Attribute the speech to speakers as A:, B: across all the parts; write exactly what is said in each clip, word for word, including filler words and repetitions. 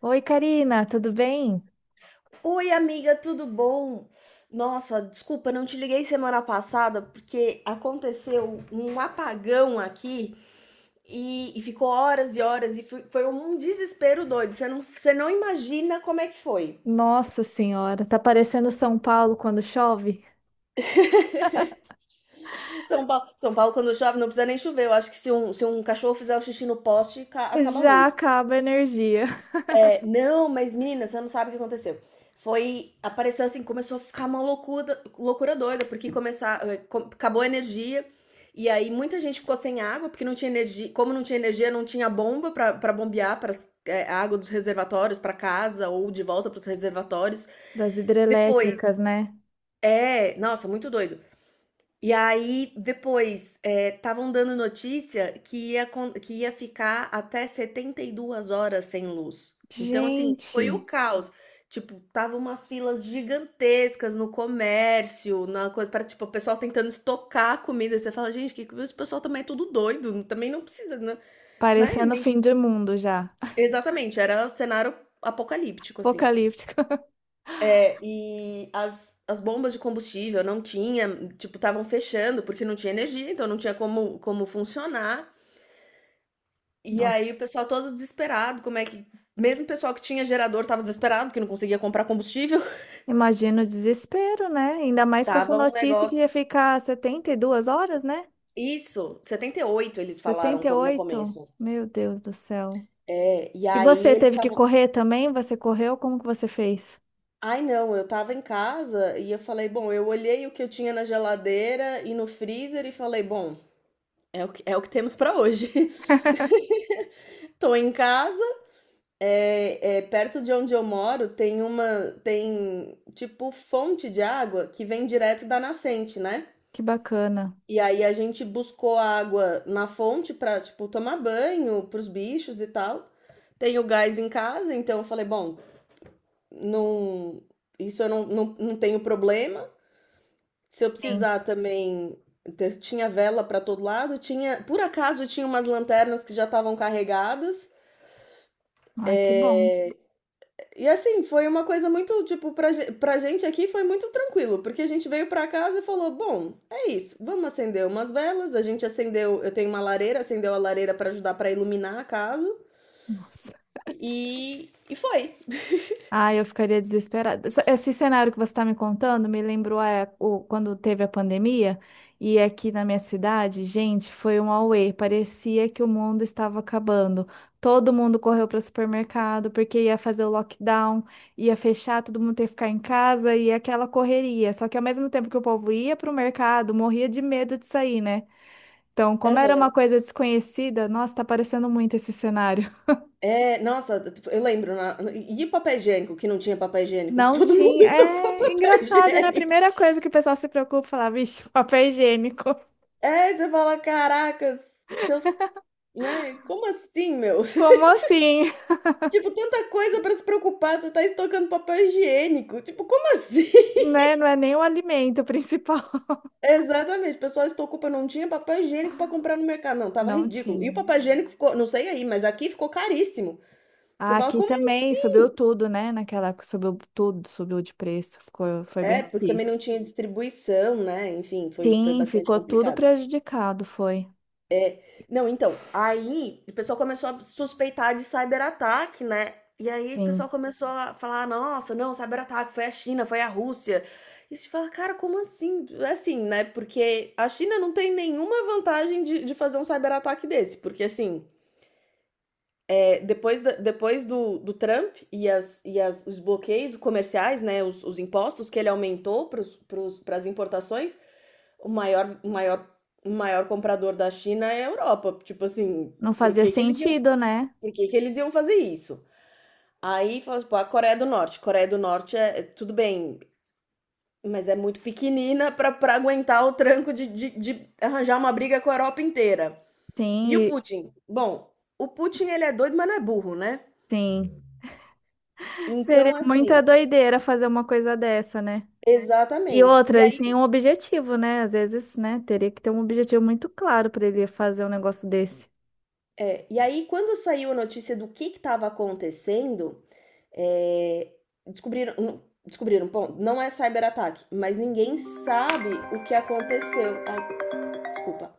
A: Oi, Karina, tudo bem?
B: Oi, amiga, tudo bom? Nossa, desculpa, não te liguei semana passada porque aconteceu um apagão aqui e, e ficou horas e horas e foi, foi um desespero doido. Você não, você não imagina como é que foi.
A: Nossa Senhora, tá parecendo São Paulo quando chove?
B: São Paulo, São Paulo, quando chove, não precisa nem chover. Eu acho que se um, se um cachorro fizer o xixi no poste, ca- acaba a
A: Já
B: luz.
A: acaba a energia.
B: Não, mas menina, você não sabe o que aconteceu. Foi, apareceu assim, começou a ficar uma loucura, loucura doida, porque começar, eh, acabou a energia. E aí muita gente ficou sem água, porque não tinha energia, como não tinha energia, não tinha bomba pra pra bombear para a água dos reservatórios para casa ou de volta para os reservatórios.
A: Das
B: Depois,
A: hidrelétricas, né?
B: é, nossa, muito doido. E aí, depois, eh, estavam dando notícia que ia acon que ia ficar até setenta e duas horas sem luz. Então, assim, foi o
A: Gente,
B: caos. Tipo, tava umas filas gigantescas no comércio, na coisa para tipo, o pessoal tentando estocar a comida. Você fala: "Gente, que que esse pessoal também é tudo doido, também não precisa, né?" Né,
A: parecendo o
B: nem
A: fim do mundo já.
B: exatamente, era o cenário apocalíptico, assim.
A: Apocalíptico.
B: É, e as, as bombas de combustível não tinha, tipo, estavam fechando porque não tinha energia, então não tinha como, como funcionar. E
A: Nossa,
B: aí o pessoal todo desesperado, como é que. Mesmo o pessoal que tinha gerador tava desesperado, porque não conseguia comprar combustível.
A: imagina o desespero, né? Ainda mais com essa
B: Tava um
A: notícia que
B: negócio.
A: ia ficar setenta e duas horas, né?
B: Isso, setenta e oito eles falaram
A: Setenta e
B: como no
A: oito.
B: começo.
A: Meu Deus do céu.
B: É, e
A: E
B: aí
A: você
B: eles
A: teve que
B: estavam.
A: correr também? Você correu? Como que você fez?
B: Ai, não, eu tava em casa e eu falei, bom, eu olhei o que eu tinha na geladeira e no freezer e falei, bom, é o que, é o que temos pra hoje. Tô em casa. É, é, perto de onde eu moro tem uma, tem tipo fonte de água que vem direto da nascente, né?
A: Que bacana.
B: E aí a gente buscou água na fonte pra, tipo, tomar banho pros bichos e tal. Tenho gás em casa, então eu falei, bom, não, isso eu não, não, não tenho problema. Se eu
A: Sim.
B: precisar também, ter- tinha vela pra todo lado, tinha, por acaso tinha umas lanternas que já estavam carregadas.
A: Ai, que bom.
B: E assim, foi uma coisa muito, tipo, pra, ge- pra gente aqui foi muito tranquilo, porque a gente veio pra casa e falou: bom, é isso, vamos acender umas velas. A gente acendeu, eu tenho uma lareira, acendeu a lareira pra ajudar pra iluminar a casa.
A: Nossa.
B: E, e foi.
A: Ah, eu ficaria desesperada. Essa- Esse cenário que você está me contando me lembrou é, o, quando teve a pandemia e aqui na minha cidade, gente, foi um auê. Parecia que o mundo estava acabando. Todo mundo correu para o supermercado porque ia fazer o lockdown, ia fechar, todo mundo ia ficar em casa e aquela correria. Só que ao mesmo tempo que o povo ia para o mercado, morria de medo de sair, né? Então, como era uma
B: Aham.
A: coisa desconhecida, nossa, tá parecendo muito esse cenário.
B: É, nossa, eu lembro. na- e papel higiênico, que não tinha papel higiênico, que
A: Não
B: todo mundo
A: tinha.
B: estocou
A: É
B: papel
A: engraçado, né? A
B: higiênico.
A: primeira coisa que o pessoal se preocupa, é falar, vixe, papel higiênico.
B: É, você fala: caracas, seus. Né? Como assim, meu?
A: Como assim?
B: Tipo, tanta coisa pra se preocupar, tu tá estocando papel higiênico. Tipo, como assim?
A: Né? Não é nem o alimento principal.
B: Exatamente, o pessoal estocou pra não tinha papel higiênico pra comprar no mercado. Não, tava
A: Não
B: ridículo. E o
A: tinha.
B: papel higiênico ficou, não sei aí, mas aqui ficou caríssimo. Você
A: Ah,
B: fala,
A: aqui
B: como aí?
A: também subiu tudo, né? Naquela época subiu tudo, subiu de preço. Ficou, foi bem
B: É, porque também
A: difícil.
B: não tinha distribuição, né? Enfim, foi, foi
A: Sim,
B: bastante
A: ficou tudo
B: complicado.
A: prejudicado, foi.
B: Não, então, aí o pessoal começou a suspeitar de cyberataque, né? E aí o pessoal
A: Sim.
B: começou a falar: nossa, não, cyberataque foi a China, foi a Rússia. E você fala, cara, como assim? Assim, né? Porque a China não tem nenhuma vantagem de, de fazer um cyberataque desse. Porque, assim, é, depois, da- depois do, do Trump e, as, e as, os bloqueios comerciais, né? Os, os impostos que ele aumentou para as importações, o maior o maior o maior comprador da China é a Europa, tipo assim,
A: Não
B: por
A: fazia
B: que que eles iam
A: sentido, né?
B: por que que eles iam fazer isso? Aí fala, tipo, a Coreia do Norte, Coreia do Norte é é tudo bem, mas é muito pequenina pra pra aguentar o tranco de de de arranjar uma briga com a Europa inteira.
A: Sim,
B: E o
A: e-
B: Putin? Bom, o Putin ele é doido, mas não é burro, né.
A: sim. Seria
B: Então
A: muita
B: assim
A: doideira fazer uma coisa dessa, né? E
B: exatamente. E
A: outra, e sem
B: aí
A: um objetivo, né? Às vezes, né? Teria que ter um objetivo muito claro para ele fazer um negócio desse.
B: É, e aí, quando saiu a notícia do que estava acontecendo, é, descobriram, não- descobriram, bom, não é cyberataque, mas ninguém sabe o que aconteceu. Ai, desculpa.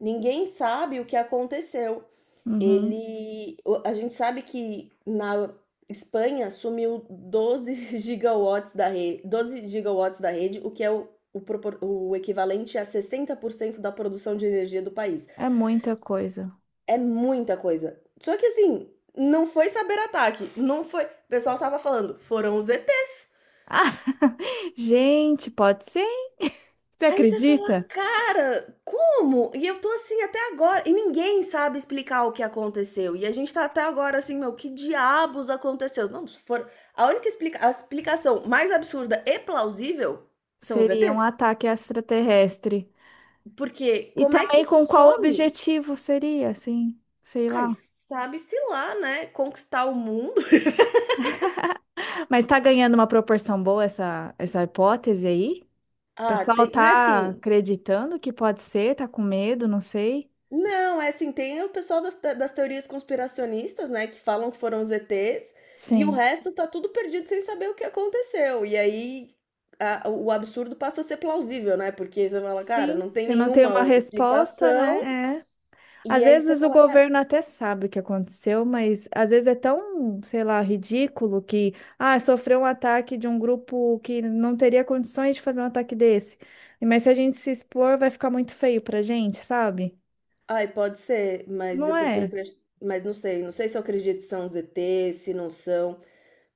B: Ninguém sabe o que aconteceu.
A: Uhum.
B: Ele, o- a gente sabe que na Espanha sumiu doze gigawatts da rede, doze gigawatts da rede, o que é o, o propor- o equivalente a sessenta por cento da produção de energia do país.
A: É muita coisa.
B: É muita coisa. Só que assim, não foi saber ataque, não foi. O pessoal tava falando, foram os E Ts.
A: Ah, gente, pode ser? Você
B: Aí você fala,
A: acredita?
B: cara, como? E eu tô assim até agora. E ninguém sabe explicar o que aconteceu. E a gente tá até agora assim, meu, que diabos aconteceu? Não, se for. A única explica... a explicação mais absurda e plausível são os
A: Seria um
B: E Ts.
A: ataque extraterrestre.
B: Porque
A: E
B: como é que
A: também com qual
B: some?
A: objetivo seria, assim? Sei
B: Ai,
A: lá.
B: sabe-se lá, né? Conquistar o mundo.
A: Mas tá ganhando uma proporção boa essa, essa hipótese aí? O
B: Ah,
A: pessoal
B: tem. Né,
A: tá
B: assim,
A: acreditando que pode ser, tá com medo, não sei.
B: não, é assim, tem o pessoal das te das teorias conspiracionistas, né, que falam que foram os E Ts, e o
A: Sim.
B: resto tá tudo perdido sem saber o que aconteceu. E aí a o absurdo passa a ser plausível, né, porque você fala: "Cara,
A: Sim,
B: não tem
A: se não tem
B: nenhuma
A: uma
B: outra
A: resposta,
B: explicação",
A: né? É.
B: e
A: Às
B: aí você
A: vezes o
B: fala: "Cara,
A: governo até sabe o que aconteceu, mas às vezes é tão, sei lá, ridículo que, ah, sofreu um ataque de um grupo que não teria condições de fazer um ataque desse. Mas se a gente se expor, vai ficar muito feio pra gente, sabe?
B: ai, pode ser, mas eu
A: Não
B: prefiro
A: é?
B: acreditar. Mas não sei, não sei, se eu acredito se são os E Ts, se não são".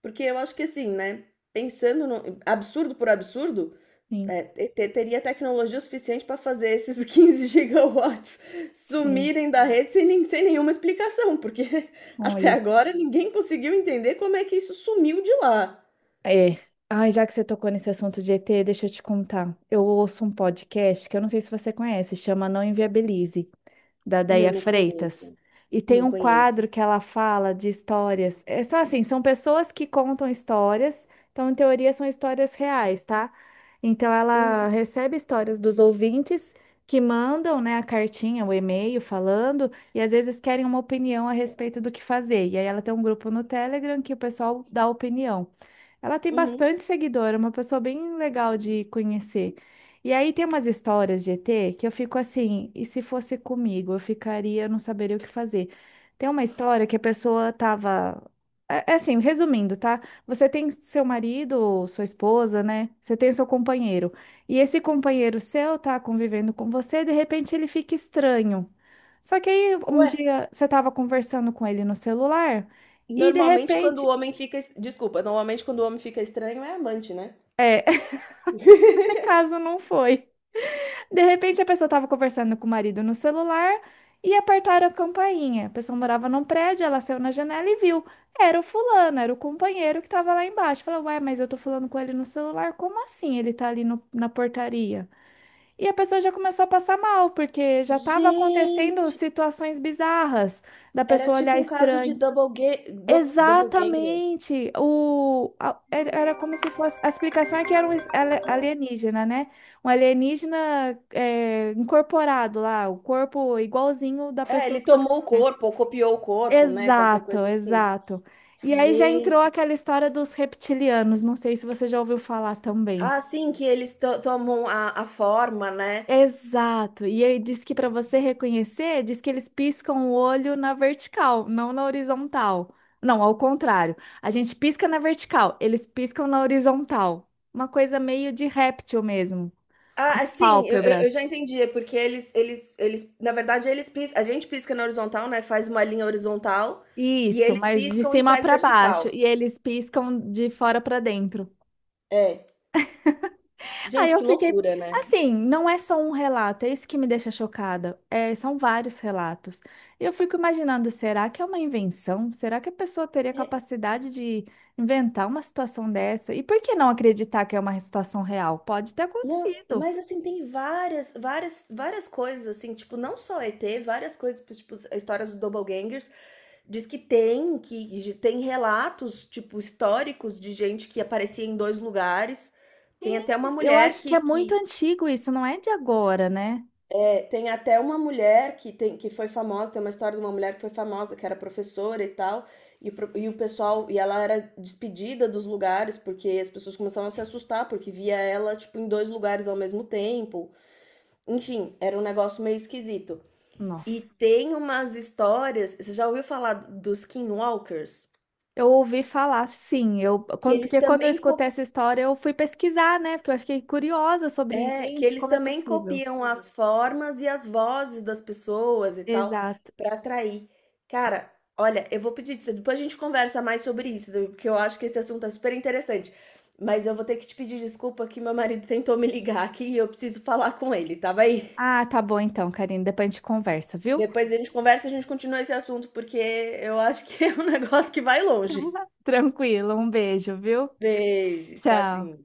B: Porque eu acho que assim, né, pensando no absurdo por absurdo,
A: Sim,
B: É, te- teria tecnologia suficiente para fazer esses quinze gigawatts
A: sim.
B: sumirem da rede sem, nem- sem nenhuma explicação, porque até
A: Olha.
B: agora ninguém conseguiu entender como é que isso sumiu de lá.
A: É. Ai, já que você tocou nesse assunto de E T, deixa eu te contar. Eu ouço um podcast que eu não sei se você conhece, chama Não Inviabilize, da
B: Não,
A: Déia
B: não
A: Freitas.
B: conheço.
A: E tem
B: Não
A: um
B: conheço.
A: quadro que ela fala de histórias. É só assim, são pessoas que contam histórias, então em teoria são histórias reais, tá? Então
B: Uhum,
A: ela recebe histórias dos ouvintes que mandam, né, a cartinha, o e-mail falando, e às vezes querem uma opinião a respeito do que fazer. E aí ela tem um grupo no Telegram que o pessoal dá opinião. Ela tem
B: uhum.
A: bastante seguidor, é uma pessoa bem legal de conhecer. E aí tem umas histórias de E T que eu fico assim, e se fosse comigo, eu ficaria, eu não saberia o que fazer. Tem uma história que a pessoa tava. É é assim, resumindo, tá? Você tem seu marido, sua esposa, né? Você tem seu companheiro. E esse companheiro seu tá convivendo com você, de repente ele fica estranho. Só que aí um
B: Ué,
A: dia você tava conversando com ele no celular e de
B: normalmente quando o
A: repente
B: homem fica. es- Desculpa, normalmente quando o homem fica estranho é amante, né?
A: esse caso não foi. De repente a pessoa estava conversando com o marido no celular e apertaram a campainha. A pessoa morava num prédio, ela saiu na janela e viu. Era o fulano, era o companheiro que estava lá embaixo. Falou, ué, mas eu tô falando com ele no celular, como assim ele tá ali no- na portaria? E a pessoa já começou a passar mal, porque já estava acontecendo
B: Gente,
A: situações bizarras da
B: era
A: pessoa olhar
B: tipo um caso de
A: estranho.
B: double, ga du- double ganger.
A: Exatamente. O, a- era era como se fosse. A explicação é que era um es- ale- alienígena, né? Um alienígena é, incorporado lá, o corpo igualzinho da
B: É,
A: pessoa
B: ele
A: que você
B: tomou o
A: conhece.
B: corpo, ou copiou o corpo, né? Qualquer
A: Exato,
B: coisa assim.
A: exato. E aí já entrou
B: Gente,
A: aquela história dos reptilianos. Não sei se você já ouviu falar também.
B: ah, sim, que eles to tomam a a forma, né.
A: Exato. E aí diz que para você reconhecer, diz que eles piscam o olho na vertical, não na horizontal. Não, ao contrário. A gente pisca na vertical, eles piscam na horizontal. Uma coisa meio de réptil mesmo.
B: Ah, é,
A: As
B: sim, eu eu
A: pálpebras.
B: eu já entendi, é porque eles eles eles na verdade eles pis a gente pisca na horizontal, né, faz uma linha horizontal, e
A: Isso,
B: eles
A: mas de
B: piscam e
A: cima
B: faz
A: para baixo.
B: vertical.
A: E eles piscam de fora para dentro.
B: É.
A: Aí
B: Gente,
A: eu
B: que
A: fiquei,
B: loucura, né.
A: assim, não é só um relato, é isso que me deixa chocada. É, são vários relatos. E eu fico imaginando, será que é uma invenção? Será que a pessoa teria
B: É,
A: capacidade de inventar uma situação dessa? E por que não acreditar que é uma situação real? Pode ter
B: não,
A: acontecido.
B: mas assim, tem várias várias várias coisas, assim, tipo, não só E T, várias coisas, tipo, as histórias do doppelgangers. Diz que tem, que tem relatos, tipo, históricos de gente que aparecia em dois lugares. Tem até uma
A: Sim, eu
B: mulher
A: acho que é
B: que,
A: muito
B: que
A: antigo isso, não é de agora, né?
B: é, tem até uma mulher que tem que foi famosa, tem uma história de uma mulher que foi famosa, que era professora e tal, e, o pro- e o pessoal, e ela era despedida dos lugares porque as pessoas começavam a se assustar porque via ela tipo em dois lugares ao mesmo tempo. Enfim, era um negócio meio esquisito. E
A: Nossa.
B: tem umas histórias, você já ouviu falar dos skinwalkers?
A: Eu ouvi falar, sim, eu,
B: Que
A: quando-
B: eles
A: porque quando eu
B: também
A: escutei essa história, eu fui pesquisar, né? Porque eu fiquei curiosa sobre isso.
B: É, que
A: Gente,
B: eles
A: como é
B: também
A: possível?
B: copiam as formas e as vozes das pessoas e tal,
A: Exato.
B: pra atrair. Cara, olha, eu vou pedir disso, depois a gente conversa mais sobre isso, porque eu acho que esse assunto é super interessante. Mas eu vou ter que te pedir desculpa que meu marido tentou me ligar aqui e eu preciso falar com ele, tá bem?
A: Ah, tá bom então, Karine. Depois a gente conversa, viu?
B: Depois a gente conversa e a gente continua esse assunto, porque eu acho que é um negócio que vai longe.
A: Tranquilo, um beijo, viu?
B: Beijo,
A: Tchau.
B: tchauzinho.